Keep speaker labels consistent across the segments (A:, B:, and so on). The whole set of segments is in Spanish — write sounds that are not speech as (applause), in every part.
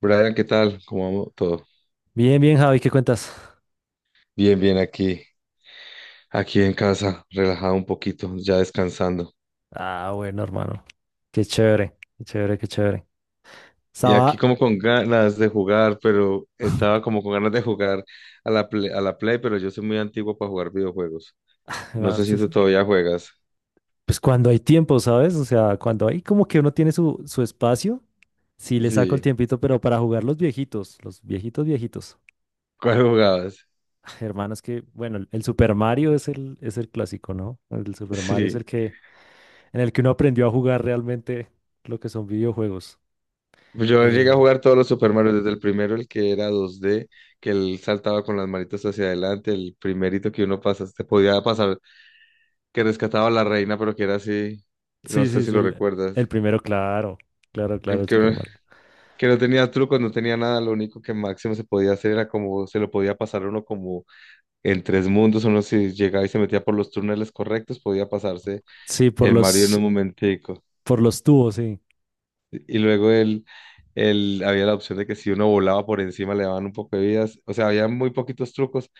A: Brian, ¿qué tal? ¿Cómo vamos todo?
B: Bien, bien, Javi, ¿qué cuentas?
A: Bien, bien aquí en casa, relajado un poquito, ya descansando.
B: Ah, bueno, hermano. Qué chévere, qué chévere, qué chévere.
A: Y aquí
B: Estaba,
A: como con ganas de jugar, pero estaba como con ganas de jugar a la Play, pero yo soy muy antiguo para jugar videojuegos. No
B: bueno,
A: sé
B: esto
A: si
B: es-
A: tú todavía juegas.
B: Pues cuando hay tiempo, ¿sabes? O sea, cuando hay como que uno tiene su espacio, sí le saco el
A: Sí,
B: tiempito, pero para jugar los viejitos, viejitos.
A: ¿cuál jugabas? (laughs)
B: (sighs) (laughs) Hermano, es que, bueno, el Super Mario es el clásico, ¿no? El Super Mario es
A: Sí.
B: el que, en el que uno aprendió a jugar realmente lo que son videojuegos.
A: Pues yo llegué a
B: Eh,
A: jugar todos los Super Mario, desde el primero, el que era 2D, que él saltaba con las manitas hacia adelante. El primerito que uno pasa, te podía pasar que rescataba a la reina, pero que era así, no
B: sí,
A: sé
B: sí,
A: si
B: sí,
A: lo
B: el
A: recuerdas.
B: primero, claro, claro, claro,
A: El
B: el Super
A: que,
B: Mario.
A: que no tenía trucos, no tenía nada. Lo único que máximo se podía hacer era como, se lo podía pasar uno como en tres mundos. Uno si llegaba y se metía por los túneles correctos, podía pasarse
B: Sí, por
A: el Mario en
B: los,
A: un momentico.
B: por los tubos, sí.
A: Y luego él, había la opción de que si uno volaba por encima le daban un poco de vidas. O sea, había muy poquitos trucos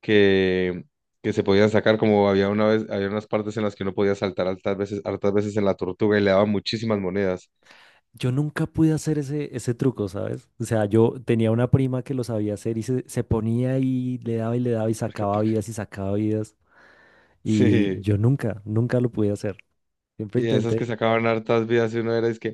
A: que... que se podían sacar, como había una vez. Había unas partes en las que uno podía saltar hartas veces en la tortuga y le daban muchísimas monedas.
B: Yo nunca pude hacer ese truco, ¿sabes? O sea, yo tenía una prima que lo sabía hacer y se ponía y le daba y le daba y
A: Taca,
B: sacaba
A: taca.
B: vidas y sacaba vidas. Y
A: Sí,
B: yo nunca, nunca lo pude hacer. Siempre
A: y esas que
B: intenté.
A: sacaban hartas vidas, y uno era es que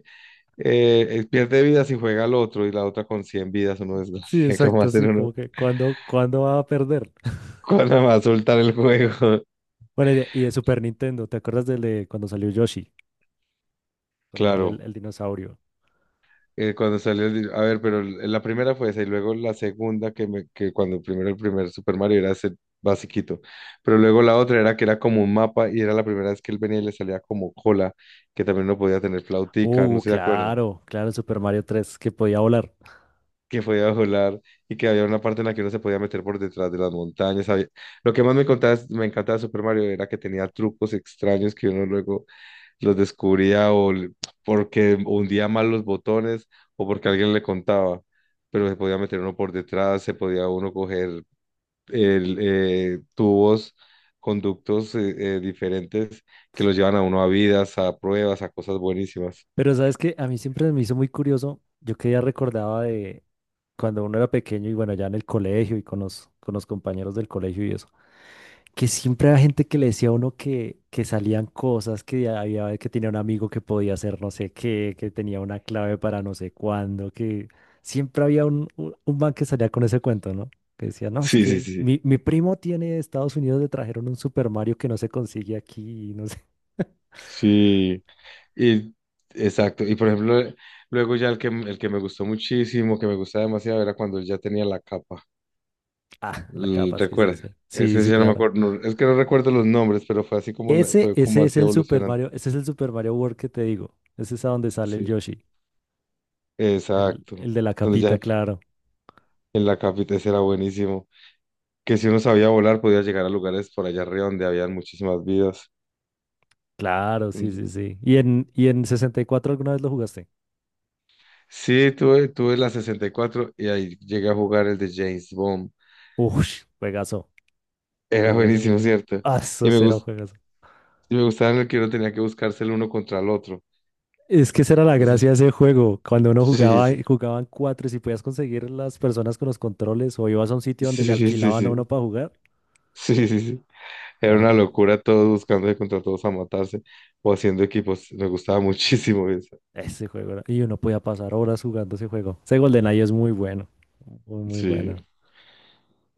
A: pierde vidas y juega al otro y la otra con 100 vidas. Uno es,
B: Sí,
A: (laughs) ¿cómo
B: exacto,
A: hacer
B: sí,
A: uno?
B: como que cuando, ¿cuándo va a perder? (laughs)
A: ¿Cuándo va a soltar el juego? (laughs)
B: Bueno, y de Super Nintendo, ¿te acuerdas del de cuando salió Yoshi? Cuando salió
A: Claro,
B: el dinosaurio.
A: cuando salió, a ver, pero la primera fue esa. Y luego la segunda, que cuando primero el primer Super Mario era ese basiquito, pero luego la otra era que era como un mapa y era la primera vez que él venía y le salía como cola, que también no podía tener flautica, no se acuerda,
B: Claro, claro, el Super Mario 3 que podía volar.
A: que podía volar y que había una parte en la que uno se podía meter por detrás de las montañas. Lo que más me encantaba de Super Mario era que tenía trucos extraños que uno luego los descubría porque hundía mal los botones o porque alguien le contaba, pero se podía meter uno por detrás, se podía uno coger tubos, conductos diferentes, que los llevan a uno a vidas, a pruebas, a cosas buenísimas.
B: Pero sabes que a mí siempre me hizo muy curioso, yo que ya recordaba de cuando uno era pequeño y bueno, ya en el colegio y con con los compañeros del colegio y eso, que siempre había gente que le decía a uno que salían cosas, que había que tenía un amigo que podía hacer no sé qué, que tenía una clave para no sé cuándo, que siempre había un man que salía con ese cuento, ¿no? Que decía, no, es
A: Sí, sí,
B: que
A: sí.
B: mi primo tiene de Estados Unidos, le trajeron un Super Mario que no se consigue aquí, y no sé. (laughs)
A: Sí. Y, exacto, y por ejemplo, luego ya el que me gustó muchísimo, que me gustaba demasiado, era cuando él ya tenía la capa.
B: Ah, la capa, sí, sí,
A: ¿Recuerda?
B: sí.
A: Es
B: Sí,
A: que
B: sí,
A: ya no me
B: claro.
A: acuerdo, es que no recuerdo los nombres, pero fue así como, fue como
B: Ese es
A: así
B: el Super
A: evolucionando.
B: Mario, ese es el Super Mario World que te digo. Ese es a donde sale el
A: Sí,
B: Yoshi,
A: exacto.
B: el de la
A: Entonces ya
B: capita, claro.
A: en la capital ese era buenísimo. Que si uno sabía volar, podía llegar a lugares por allá arriba donde habían muchísimas vidas.
B: Claro, sí,
A: mm,
B: sí, sí. ¿Y y en 64 alguna vez lo jugaste?
A: Sí, tuve la 64 y cuatro y ahí llegué a jugar el de James Bond.
B: Ush, juegazo,
A: Era (laughs)
B: juegazo,
A: buenísimo,
B: juegazo.
A: ¿cierto?
B: Ah,
A: Y
B: eso
A: me
B: será un
A: gustó.
B: juegazo.
A: Me gustaba en el que uno tenía que buscarse el uno contra el otro.
B: Es que esa era la
A: No sé.
B: gracia de ese juego. Cuando uno jugaba,
A: (laughs)
B: jugaban cuatro y si podías conseguir las personas con los controles o ibas a un sitio
A: Sí,
B: donde le
A: sí, sí. Sí, sí,
B: alquilaban a uno
A: sí.
B: para jugar,
A: Sí, sí, sí. Sí. Era
B: era
A: una
B: genial.
A: locura, todos buscándose contra todos a matarse o haciendo equipos. Me gustaba (laughs) muchísimo eso.
B: Ese juego era- y uno podía pasar horas jugando ese juego. Ese GoldenEye es muy bueno, muy, muy
A: Sí.
B: bueno.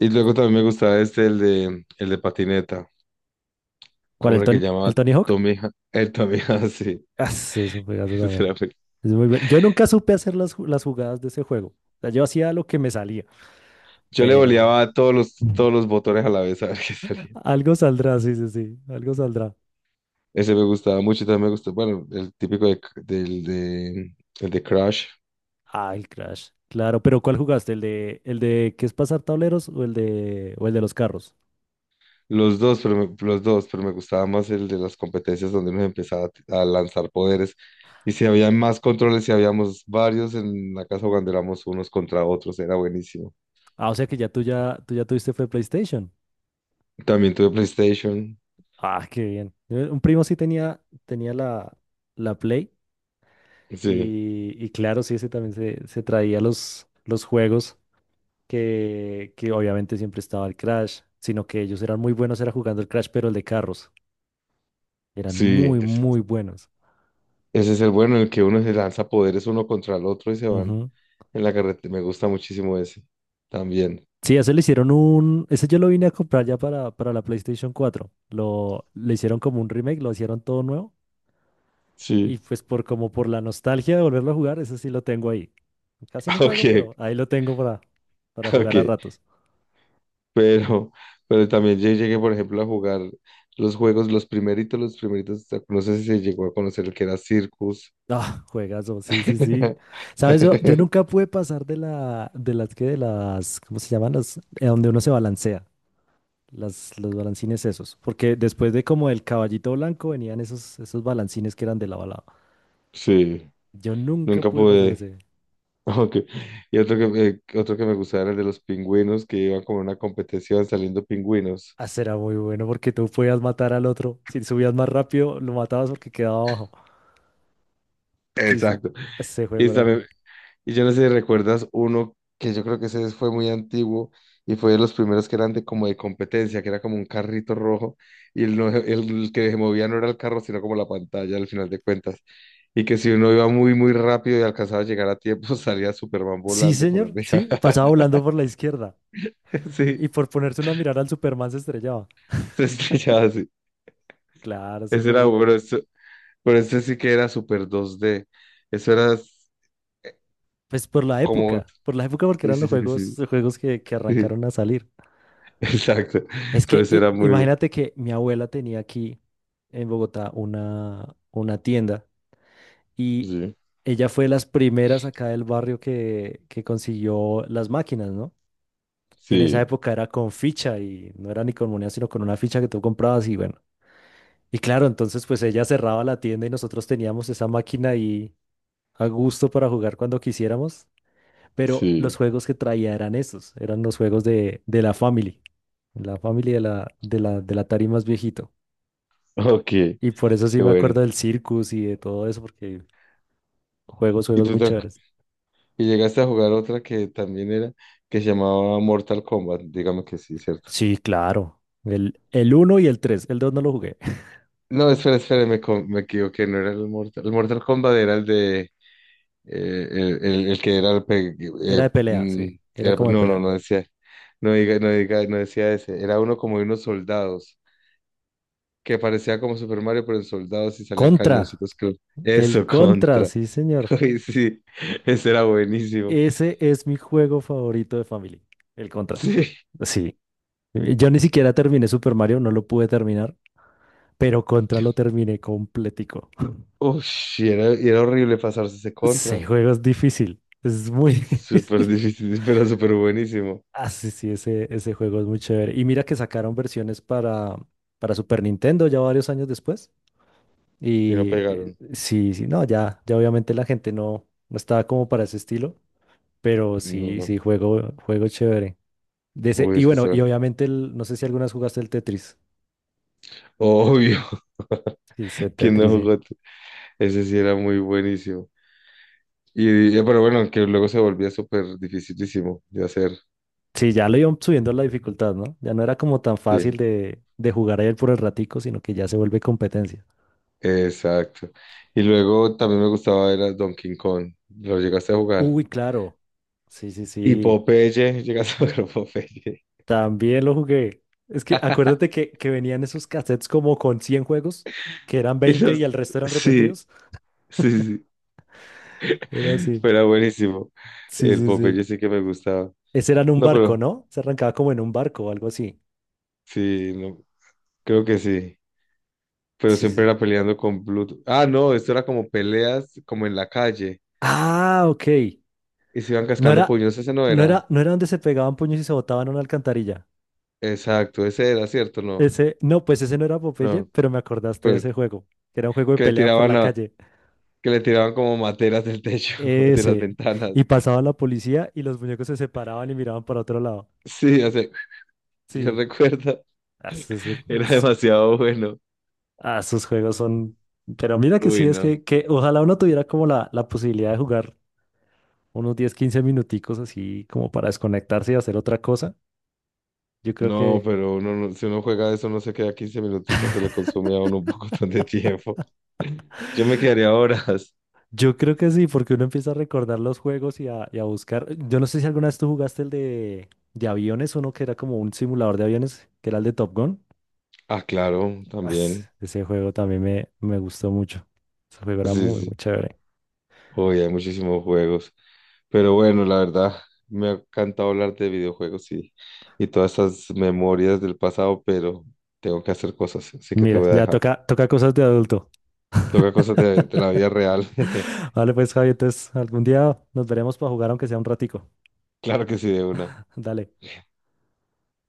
A: Y luego también me gustaba este, el de patineta.
B: ¿Cuál?
A: ¿Cómo era que
B: ¿El
A: llamaba?
B: Tony Hawk? (laughs)
A: Tommy. El Tommy, (laughs) sí.
B: Ah, ese es un juegazo
A: Ese
B: también.
A: era muy...
B: Es muy bueno. Yo nunca supe hacer las jugadas de ese juego. O sea, yo hacía lo que me salía,
A: Yo le
B: pero
A: voleaba a todos los,
B: (laughs)
A: todos los botones a la vez a ver qué salía.
B: algo saldrá, sí, sí, sí, algo saldrá.
A: Ese me gustaba mucho y también me gustó. Bueno, el típico de, del de, el de Crash.
B: Ah, el Crash. Claro, pero ¿cuál jugaste? ¿El de qué, ¿es pasar tableros o el de los carros?
A: Los dos, pero me gustaba más el de las competencias donde nos empezaba a lanzar poderes. Y si había más controles, si habíamos varios en la casa cuando éramos unos contra otros, era buenísimo.
B: Ah, o sea que ya tú tuviste fue PlayStation.
A: También tuve PlayStation.
B: Ah, qué bien. Un primo sí tenía la la Play
A: Sí,
B: y claro, sí, ese también se traía los juegos. Que que obviamente siempre estaba el Crash, sino que ellos eran muy buenos, era jugando el Crash, pero el de carros. Eran
A: sí.
B: muy,
A: Ese
B: muy buenos.
A: ese es el bueno, en el que uno se lanza poderes uno contra el otro y se van
B: Ujú.
A: en la carretera. Me gusta muchísimo ese. También.
B: Sí, ese le hicieron un. Ese yo lo vine a comprar ya para la PlayStation 4. Le hicieron como un remake, lo hicieron todo nuevo. Y
A: Sí.
B: pues por como por la nostalgia de volverlo a jugar, ese sí lo tengo ahí. Casi
A: (laughs)
B: no juego,
A: Ok,
B: pero ahí lo tengo para
A: ok.
B: jugar a ratos.
A: (laughs) Pero, pero también yo llegué, por ejemplo, a jugar los juegos, los primeritos, no sé si se llegó a conocer el que era Circus.
B: Ah, juegazo, sí, sí, sí. Sabes, yo,
A: (laughs)
B: yo nunca pude pasar de la, de las que, de las, ¿cómo se llaman? Donde uno se balancea, los balancines esos. Porque después de como el caballito blanco venían esos, esos balancines que eran de lado a lado.
A: Sí,
B: Yo nunca
A: nunca
B: pude pasar
A: pude. (laughs)
B: ese.
A: Ok. Y otro que, otro que me gustaba era el de los pingüinos, que iban como en una competición saliendo pingüinos.
B: Ah, será muy bueno porque tú podías matar al otro. Si subías más rápido, lo matabas porque quedaba abajo.
A: (laughs)
B: Sí, sí.
A: Exacto.
B: Ese
A: Y
B: juego era muy-
A: Y yo no sé si recuerdas uno que yo creo que ese fue muy antiguo y fue de los primeros que eran de, como de competencia, que era como un carrito rojo y el, el que se movía no era el carro, sino como la pantalla al final de cuentas. Y que si uno iba muy, muy rápido y alcanzaba a llegar a tiempo, (laughs) salía Superman
B: sí,
A: volando por
B: señor,
A: arriba.
B: sí. Pasaba volando por la izquierda.
A: (laughs) Sí,
B: Y por ponerse uno a mirar al Superman se estrellaba.
A: se estrellaba así.
B: Claro, ese
A: Ese era
B: juego.
A: bueno. Eso, pero este sí que era super 2D. Eso era
B: Pues
A: como...
B: por la época porque
A: Sí,
B: eran
A: sí, sí, sí,
B: los juegos que
A: sí.
B: arrancaron a salir.
A: (laughs) Exacto.
B: Es
A: Pero
B: que
A: ese era muy...
B: imagínate que mi abuela tenía aquí en Bogotá una tienda y
A: Sí,
B: ella fue de las primeras acá del barrio que consiguió las máquinas, ¿no? Y en esa
A: sí,
B: época era con ficha y no era ni con moneda, sino con una ficha que tú comprabas y bueno. Y claro, entonces pues ella cerraba la tienda y nosotros teníamos esa máquina ahí a gusto para jugar cuando quisiéramos. Pero los
A: sí.
B: juegos que traía eran esos, eran los juegos de la Family del Atari más viejito.
A: Ok, qué
B: Y por eso sí me
A: bueno.
B: acuerdo del Circus y de todo eso, porque juegos,
A: Y
B: juegos
A: tú
B: muy chéveres.
A: y llegaste a jugar otra que también era, que se llamaba Mortal Kombat. Dígame que sí, ¿cierto?
B: Sí, claro. El uno y el tres, el dos no lo jugué. (laughs)
A: No, espera, espera, me equivoqué. No era el Mortal. El Mortal Kombat era el de, el, el que era el,
B: Era de pelea, sí, era como de
A: no, no,
B: pelea.
A: no decía, no diga, no diga, no decía ese. Era uno como de unos soldados que parecía como Super Mario, pero en soldados, y salían
B: Contra,
A: cañoncitos, creo.
B: el
A: Eso,
B: Contra,
A: contra.
B: sí,
A: (laughs)
B: señor.
A: Ay, sí, ese era buenísimo.
B: Ese es mi juego favorito de Family, el Contra.
A: (laughs)
B: Sí, yo ni siquiera terminé Super Mario, no lo pude terminar, pero Contra
A: Sí.
B: lo terminé completico.
A: Ush, y era horrible pasarse ese
B: Ese
A: contra.
B: juego es difícil, es muy (laughs)
A: Súper
B: difícil.
A: difícil, (laughs) pero súper buenísimo.
B: Ah, sí, sí, ese juego es muy chévere. Y mira que sacaron versiones para Super Nintendo ya varios años después.
A: Y no
B: Y
A: pegaron.
B: sí, sí, no, ya, ya obviamente la gente no, no estaba como para ese estilo, pero sí,
A: No,
B: sí, juego, juego chévere. De ese,
A: obvio,
B: y
A: es que
B: bueno,
A: será.
B: y obviamente, el, no sé si algunas jugaste el Tetris.
A: Obvio,
B: Sí, ese
A: (laughs) ¿quién no
B: Tetris, sí.
A: jugó? Ese sí era muy buenísimo. Pero bueno, que luego se volvía súper dificilísimo de hacer.
B: Sí, ya lo iban subiendo la dificultad, ¿no? Ya no era como tan fácil
A: Sí,
B: de jugar a él por el ratico, sino que ya se vuelve competencia.
A: exacto. Y luego también me gustaba era Donkey Kong. ¿Lo llegaste a jugar?
B: Uy, claro. Sí, sí,
A: Y
B: sí.
A: Popeye, (laughs) llegaste a jugar Popeye.
B: También lo jugué. Es que acuérdate
A: (laughs)
B: que venían esos cassettes como con 100 juegos, que eran
A: Y
B: 20 y el
A: los-
B: resto eran
A: sí,
B: repetidos.
A: sí, sí.
B: (laughs) Era
A: (laughs)
B: así.
A: Pero era buenísimo.
B: Sí,
A: El
B: sí, sí.
A: Popeye sí que me gustaba.
B: Ese era en un
A: No,
B: barco,
A: pero
B: ¿no? Se arrancaba como en un barco o algo así.
A: sí, no, creo que sí. Pero
B: Sí, sí,
A: siempre
B: sí.
A: era peleando con Pluto. Ah, no, esto era como peleas, como en la calle.
B: Ah, ok.
A: Y se iban
B: No
A: cascando
B: era,
A: puños, ese no
B: no
A: era.
B: era, no era donde se pegaban puños y se botaban a una alcantarilla.
A: Exacto, ese era, ¿cierto? No,
B: Ese, no, pues ese no era Popeye,
A: no.
B: pero me acordaste de
A: Pero
B: ese juego, que era un juego de
A: que le
B: pelea por
A: tiraban
B: la
A: a,
B: calle.
A: que le tiraban como materas del techo, (laughs) de las
B: Ese.
A: ventanas.
B: Y pasaba la policía y los muñecos se separaban y miraban para otro lado.
A: Sí, o sea, yo
B: Sí.
A: recuerdo.
B: Ah,
A: (laughs)
B: Esos,
A: Era
B: es-
A: demasiado bueno.
B: ah, esos juegos son... Pero mira que sí,
A: Uy,
B: es
A: no.
B: que ojalá uno tuviera como la posibilidad de jugar unos 10, 15 minuticos así como para desconectarse y hacer otra cosa. Yo creo
A: No,
B: que...
A: pero uno, si uno juega eso, no se queda 15 minuticos, se le consume a uno un (laughs) poco de tiempo. (laughs) Yo me quedaría horas.
B: yo creo que sí, porque uno empieza a recordar los juegos y a buscar. Yo no sé si alguna vez tú jugaste el de aviones, uno que era como un simulador de aviones, que era el de Top Gun.
A: Ah, claro, también.
B: Ese juego también me gustó mucho. Ese juego era
A: Sí,
B: muy,
A: sí.
B: muy chévere.
A: Hoy hay muchísimos juegos. Pero bueno, la verdad, me ha encantado hablar de videojuegos y todas esas memorias del pasado, pero tengo que hacer cosas, así que te
B: Mira,
A: voy a
B: ya
A: dejar.
B: toca, toca cosas de adulto.
A: Toca cosas
B: (laughs)
A: de la vida real. (laughs)
B: Vale, pues Javi, entonces algún día nos veremos para jugar aunque sea un ratico.
A: Claro que sí, de una.
B: Dale.